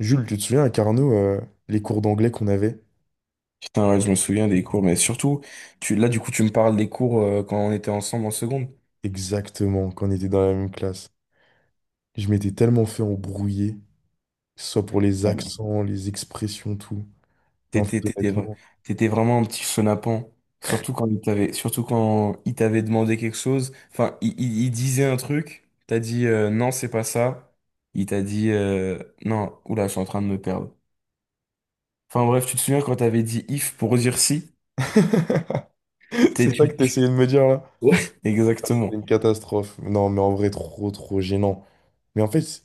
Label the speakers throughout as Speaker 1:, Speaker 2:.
Speaker 1: Jules, tu te souviens à Carnot, les cours d'anglais qu'on avait?
Speaker 2: Putain, ouais, je me souviens des cours, mais surtout, tu, là, du coup, tu me parles des cours quand on était ensemble en seconde.
Speaker 1: Exactement, quand on était dans la même classe. Je m'étais tellement fait embrouiller, que ce soit pour les
Speaker 2: Ouais, mais
Speaker 1: accents, les expressions, tout. Mais en fait,
Speaker 2: T'étais, t'étais, vra-
Speaker 1: honnêtement,
Speaker 2: t'étais vraiment un petit chenapan. Surtout quand il t'avait demandé quelque chose. Enfin, il disait un truc, t'as dit non, c'est pas ça. Il t'a dit non, oula, je suis en train de me perdre. Enfin bref, tu te souviens quand t'avais dit if pour dire si? T'es,
Speaker 1: c'est ça que
Speaker 2: tu,
Speaker 1: tu
Speaker 2: tu-
Speaker 1: essayais de me dire là? Ah, c'était
Speaker 2: Exactement.
Speaker 1: une catastrophe. Non, mais en vrai, trop, trop gênant. Mais en fait,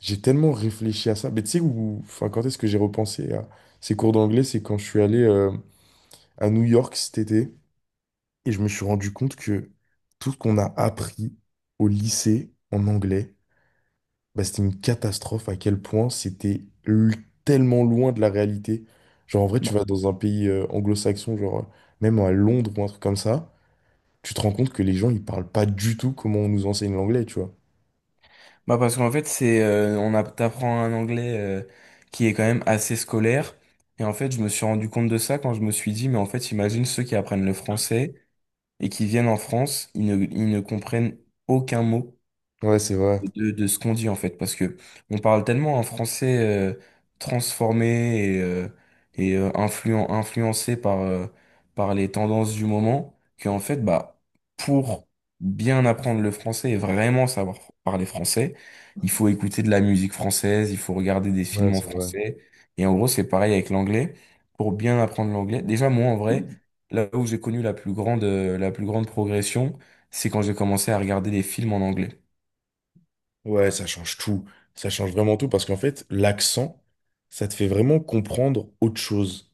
Speaker 1: j'ai tellement réfléchi à ça. Mais tu sais, où... enfin, quand est-ce que j'ai repensé à ces cours d'anglais? C'est quand je suis allé à New York cet été. Et je me suis rendu compte que tout ce qu'on a appris au lycée en anglais, bah, c'était une catastrophe à quel point tellement loin de la réalité. Genre, en vrai, tu
Speaker 2: Bah,
Speaker 1: vas dans un pays anglo-saxon, genre même à Londres ou un truc comme ça, tu te rends compte que les gens, ils parlent pas du tout comment on nous enseigne l'anglais, tu vois.
Speaker 2: Bah parce qu'en fait c'est on a t'apprends un anglais qui est quand même assez scolaire, et en fait je me suis rendu compte de ça quand je me suis dit mais en fait imagine ceux qui apprennent le français et qui viennent en France, ils ne comprennent aucun mot
Speaker 1: Ouais, c'est vrai.
Speaker 2: de ce qu'on dit en fait, parce que on parle tellement un français transformé et influencé par les tendances du moment, qu'en fait, bah, pour bien apprendre le français et vraiment savoir parler français, il faut écouter de la musique française, il faut regarder des
Speaker 1: Ouais,
Speaker 2: films en
Speaker 1: c'est vrai.
Speaker 2: français, et en gros, c'est pareil avec l'anglais. Pour bien apprendre l'anglais, déjà moi en vrai, là où j'ai connu la plus grande progression, c'est quand j'ai commencé à regarder des films en anglais.
Speaker 1: Ouais, ça change tout. Ça change vraiment tout parce qu'en fait, l'accent, ça te fait vraiment comprendre autre chose.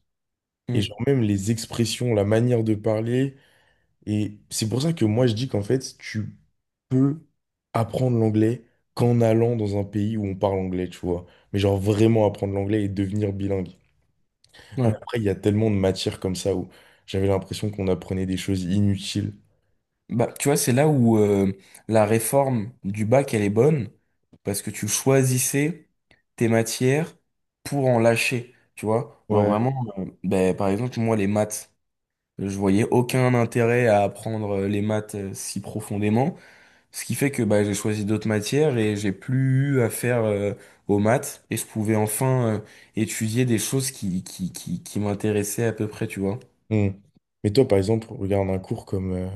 Speaker 1: Et
Speaker 2: Mm.
Speaker 1: genre, même les expressions, la manière de parler. Et c'est pour ça que moi je dis qu'en fait, tu peux apprendre l'anglais qu'en allant dans un pays où on parle anglais, tu vois. Mais genre vraiment apprendre l'anglais et devenir bilingue. Mais
Speaker 2: Ouais.
Speaker 1: après, il y a tellement de matières comme ça où j'avais l'impression qu'on apprenait des choses inutiles.
Speaker 2: Bah, tu vois, c'est là où la réforme du bac, elle est bonne, parce que tu choisissais tes matières pour en lâcher, tu vois. Genre
Speaker 1: Ouais.
Speaker 2: vraiment, ben, par exemple, moi, les maths, je voyais aucun intérêt à apprendre les maths si profondément, ce qui fait que bah, j'ai choisi d'autres matières et j'ai plus eu à faire aux maths, et je pouvais enfin étudier des choses qui m'intéressaient à peu près, tu vois.
Speaker 1: Hmm. Mais toi, par exemple, regarde un cours comme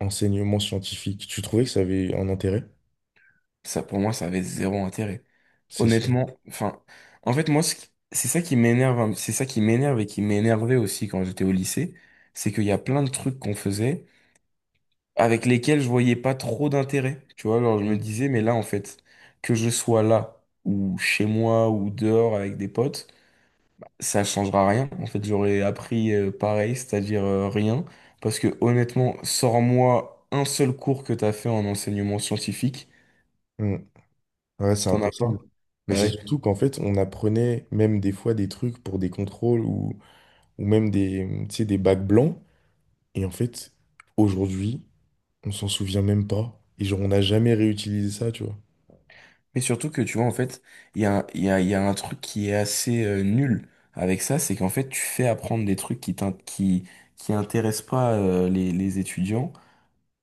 Speaker 1: enseignement scientifique. Tu trouvais que ça avait un intérêt?
Speaker 2: Ça, pour moi, ça avait zéro intérêt.
Speaker 1: C'est ça.
Speaker 2: Honnêtement, enfin, en fait, moi, c'est ça qui m'énerve, c'est ça qui m'énerve et qui m'énervait aussi quand j'étais au lycée, c'est qu'il y a plein de trucs qu'on faisait avec lesquels je voyais pas trop d'intérêt. Tu vois, alors je me
Speaker 1: Mm.
Speaker 2: disais, mais là, en fait, que je sois là, ou chez moi, ou dehors avec des potes, ça changera rien. En fait, j'aurais appris pareil, c'est-à-dire rien. Parce que honnêtement, sors-moi un seul cours que t'as fait en enseignement scientifique,
Speaker 1: Mm. Ouais, c'est
Speaker 2: t'en as pas.
Speaker 1: impossible.
Speaker 2: Ah,
Speaker 1: Mais c'est
Speaker 2: ouais.
Speaker 1: surtout qu'en fait, on apprenait même des fois des trucs pour des contrôles ou même des, tu sais, des bacs blancs. Et en fait, aujourd'hui, on s'en souvient même pas. Et genre, on n'a jamais réutilisé ça, tu vois.
Speaker 2: Mais surtout que tu vois, en fait, il y a un truc qui est assez nul avec ça, c'est qu'en fait, tu fais apprendre des trucs qui intéressent pas les étudiants.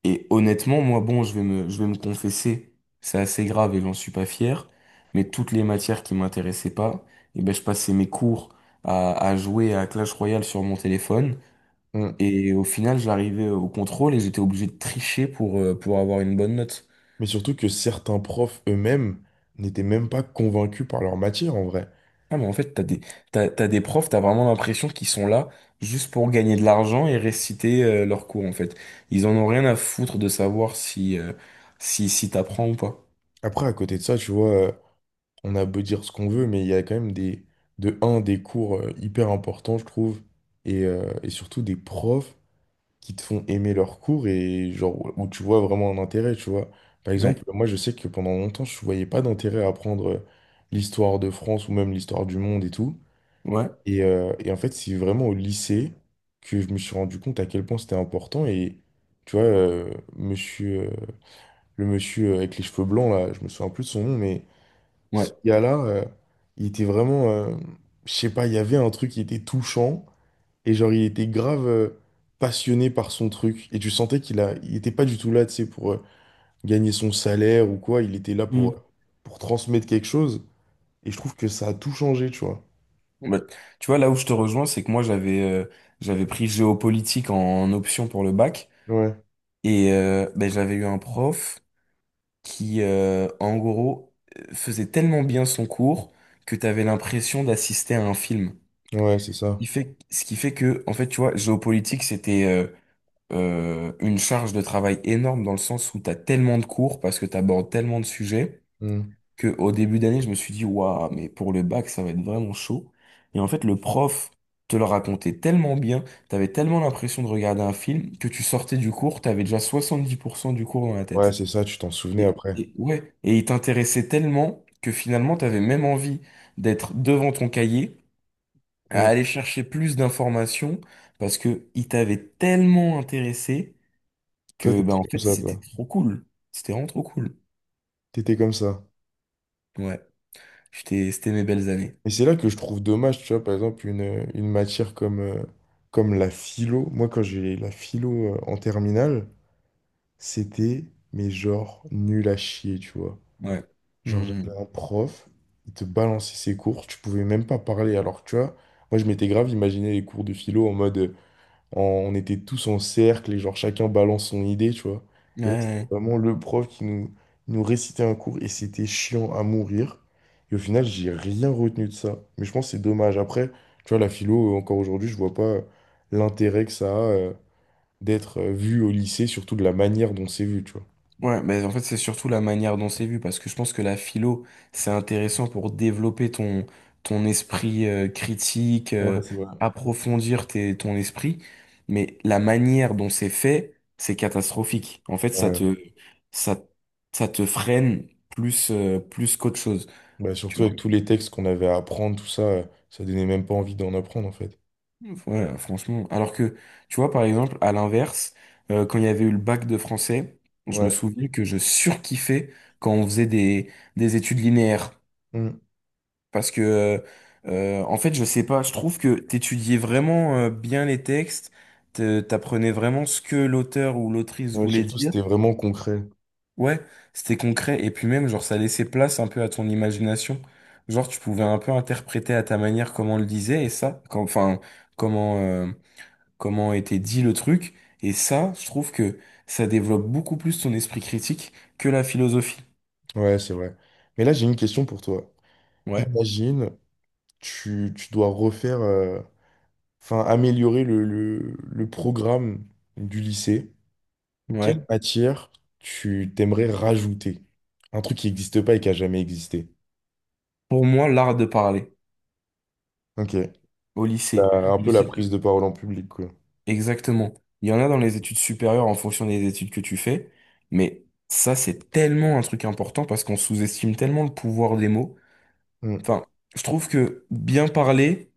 Speaker 2: Et honnêtement, moi, bon, je vais me confesser, c'est assez grave et j'en suis pas fier, mais toutes les matières qui m'intéressaient pas, et ben, je passais mes cours à jouer à Clash Royale sur mon téléphone.
Speaker 1: Mm.
Speaker 2: Et au final, j'arrivais au contrôle et j'étais obligé de tricher pour avoir une bonne note.
Speaker 1: Mais surtout que certains profs eux-mêmes n'étaient même pas convaincus par leur matière, en vrai.
Speaker 2: Ah, mais en fait, t'as des profs, t'as vraiment l'impression qu'ils sont là juste pour gagner de l'argent et réciter leurs cours, en fait. Ils en ont rien à foutre de savoir si t'apprends ou pas.
Speaker 1: Après, à côté de ça, tu vois, on a beau dire ce qu'on veut, mais il y a quand même des, de un, des cours hyper importants, je trouve, et surtout des profs qui te font aimer leur cours et genre où où tu vois vraiment un intérêt, tu vois. Par exemple,
Speaker 2: Ouais,
Speaker 1: moi je sais que pendant longtemps, je voyais pas d'intérêt à apprendre l'histoire de France ou même l'histoire du monde et tout.
Speaker 2: ouais,
Speaker 1: Et en fait, c'est vraiment au lycée que je me suis rendu compte à quel point c'était important. Et tu vois, monsieur, le monsieur avec les cheveux blancs, là, je me souviens plus de son nom, mais ce
Speaker 2: ouais.
Speaker 1: gars-là, il était vraiment, je sais pas, il y avait un truc qui était touchant. Et genre, il était grave passionné par son truc. Et tu sentais il était pas du tout là, tu sais, pour gagner son salaire ou quoi. Il était là
Speaker 2: Hmm.
Speaker 1: pour transmettre quelque chose. Et je trouve que ça a tout changé, tu vois.
Speaker 2: Bah, tu vois, là où je te rejoins, c'est que moi, j'avais pris géopolitique en option pour le bac.
Speaker 1: Ouais,
Speaker 2: Et ben, j'avais eu un prof en gros, faisait tellement bien son cours que t'avais l'impression d'assister à un film.
Speaker 1: ouais, c'est ça.
Speaker 2: Ce qui fait que, en fait, tu vois, géopolitique, c'était une charge de travail énorme dans le sens où t'as tellement de cours parce que t'abordes tellement de sujets
Speaker 1: Mm.
Speaker 2: que au début d'année, je me suis dit, waouh, mais pour le bac, ça va être vraiment chaud. Et en fait, le prof te le racontait tellement bien, t'avais tellement l'impression de regarder un film que tu sortais du cours, t'avais déjà 70% du cours dans la
Speaker 1: Ouais,
Speaker 2: tête.
Speaker 1: c'est ça, tu t'en souvenais
Speaker 2: Et,
Speaker 1: après.
Speaker 2: et ouais, et il t'intéressait tellement que finalement, t'avais même envie d'être devant ton cahier à
Speaker 1: Mm.
Speaker 2: aller chercher plus d'informations parce que il t'avait tellement intéressé
Speaker 1: Toi,
Speaker 2: que ben en
Speaker 1: t'étais comme
Speaker 2: fait
Speaker 1: ça,
Speaker 2: c'était
Speaker 1: toi.
Speaker 2: trop cool. C'était vraiment trop cool.
Speaker 1: T'étais comme ça.
Speaker 2: Ouais. J'étais, c'était mes belles années.
Speaker 1: Et c'est là que je trouve dommage, tu vois, par exemple, une matière comme, comme la philo. Moi, quand j'ai la philo en terminale, c'était, mais genre, nul à chier, tu vois.
Speaker 2: Ouais.
Speaker 1: Genre,
Speaker 2: Hmm.
Speaker 1: j'avais un prof, il te balançait ses cours, tu pouvais même pas parler. Alors, que, tu vois, moi, je m'étais grave imaginé les cours de philo en mode, on était tous en cercle et genre, chacun balance son idée, tu vois.
Speaker 2: Ouais,
Speaker 1: Et là, c'était
Speaker 2: ouais.
Speaker 1: vraiment le prof qui nous récitait un cours et c'était chiant à mourir. Et au final, j'ai rien retenu de ça. Mais je pense que c'est dommage. Après, tu vois, la philo, encore aujourd'hui, je vois pas l'intérêt que ça a d'être vu au lycée, surtout de la manière dont c'est vu, tu vois.
Speaker 2: Ouais, mais en fait, c'est surtout la manière dont c'est vu, parce que je pense que la philo, c'est intéressant pour développer ton esprit critique,
Speaker 1: Ouais, c'est vrai.
Speaker 2: approfondir ton esprit, mais la manière dont c'est fait, c'est catastrophique. En fait,
Speaker 1: Ouais.
Speaker 2: ça, ça te freine plus qu'autre chose,
Speaker 1: Bah,
Speaker 2: tu
Speaker 1: surtout
Speaker 2: vois.
Speaker 1: avec tous les textes qu'on avait à apprendre, tout ça, ça donnait même pas envie d'en apprendre en fait.
Speaker 2: Ouais, franchement. Alors que, tu vois, par exemple, à l'inverse, quand il y avait eu le bac de français, je me
Speaker 1: Ouais.
Speaker 2: souviens que je surkiffais quand on faisait des études linéaires.
Speaker 1: Mm.
Speaker 2: Parce que, euh, En fait, je sais pas, je trouve que t'étudiais vraiment bien les textes, t'apprenais vraiment ce que l'auteur ou l'autrice
Speaker 1: Ouais,
Speaker 2: voulait
Speaker 1: surtout
Speaker 2: dire.
Speaker 1: c'était vraiment concret.
Speaker 2: Ouais, c'était concret. Et puis même, genre, ça laissait place un peu à ton imagination. Genre, tu pouvais un peu interpréter à ta manière comment on le disait et ça, enfin, comment, euh, comment était dit le truc. Et ça, je trouve que ça développe beaucoup plus ton esprit critique que la philosophie.
Speaker 1: Ouais, c'est vrai. Mais là, j'ai une question pour toi.
Speaker 2: Ouais,
Speaker 1: Imagine, tu dois refaire, enfin améliorer le programme du lycée. Quelle
Speaker 2: ouais.
Speaker 1: matière tu t'aimerais rajouter? Un truc qui n'existe pas et qui a jamais existé.
Speaker 2: Pour moi, l'art de parler
Speaker 1: Ok.
Speaker 2: au lycée.
Speaker 1: La- un peu la prise de parole en public, quoi.
Speaker 2: Exactement. Il y en a dans les études supérieures en fonction des études que tu fais, mais ça, c'est tellement un truc important parce qu'on sous-estime tellement le pouvoir des mots.
Speaker 1: Mm.
Speaker 2: Enfin, je trouve que bien parler,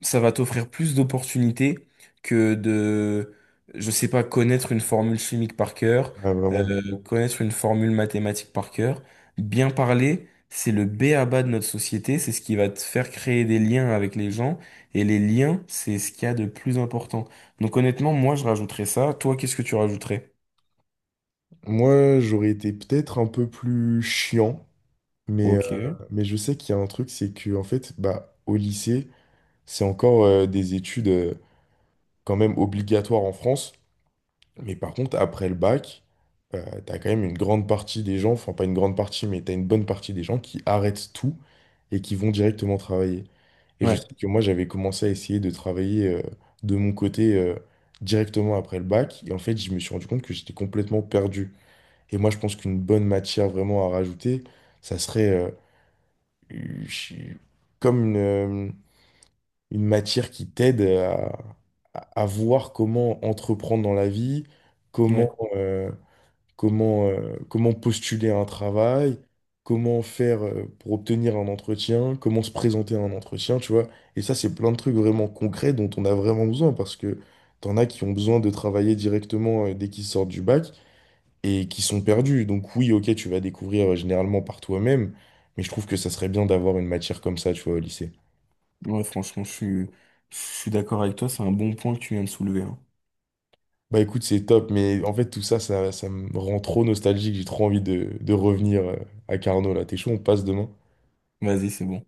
Speaker 2: ça va t'offrir plus d'opportunités que de, je sais pas, connaître une formule chimique par cœur,
Speaker 1: Ouais, vraiment.
Speaker 2: connaître une formule mathématique par cœur. Bien parler, c'est le b.a.-ba de notre société, c'est ce qui va te faire créer des liens avec les gens, et les liens, c'est ce qu'il y a de plus important. Donc honnêtement, moi, je rajouterais ça. Toi, qu'est-ce que tu rajouterais?
Speaker 1: Moi, j'aurais été peut-être un peu plus chiant. Mais, euh,
Speaker 2: Ok.
Speaker 1: mais je sais qu'il y a un truc, c'est que en fait, bah, au lycée, c'est encore des études quand même obligatoires en France. Mais par contre, après le bac, t'as quand même une grande partie des gens, enfin pas une grande partie, mais t'as une bonne partie des gens qui arrêtent tout et qui vont directement travailler. Et je
Speaker 2: Ouais,
Speaker 1: sais que moi, j'avais commencé à essayer de travailler de mon côté directement après le bac. Et en fait, je me suis rendu compte que j'étais complètement perdu. Et moi, je pense qu'une bonne matière vraiment à rajouter, ça serait je comme une matière qui t'aide à, à voir comment entreprendre dans la vie,
Speaker 2: ouais,
Speaker 1: comment, comment postuler à un travail, comment faire pour obtenir un entretien, comment se présenter à un entretien, tu vois. Et ça, c'est plein de trucs vraiment concrets dont on a vraiment besoin parce que t'en as qui ont besoin de travailler directement dès qu'ils sortent du bac et qui sont perdus. Donc oui, ok, tu vas découvrir généralement par toi-même, mais je trouve que ça serait bien d'avoir une matière comme ça, tu vois, au lycée.
Speaker 2: ouais, franchement, je suis d'accord avec toi, c'est un bon point que tu viens de soulever, hein.
Speaker 1: Bah écoute, c'est top, mais en fait tout ça, ça me rend trop nostalgique, j'ai trop envie de revenir à Carnot là. T'es chaud, on passe demain?
Speaker 2: Vas-y, c'est bon.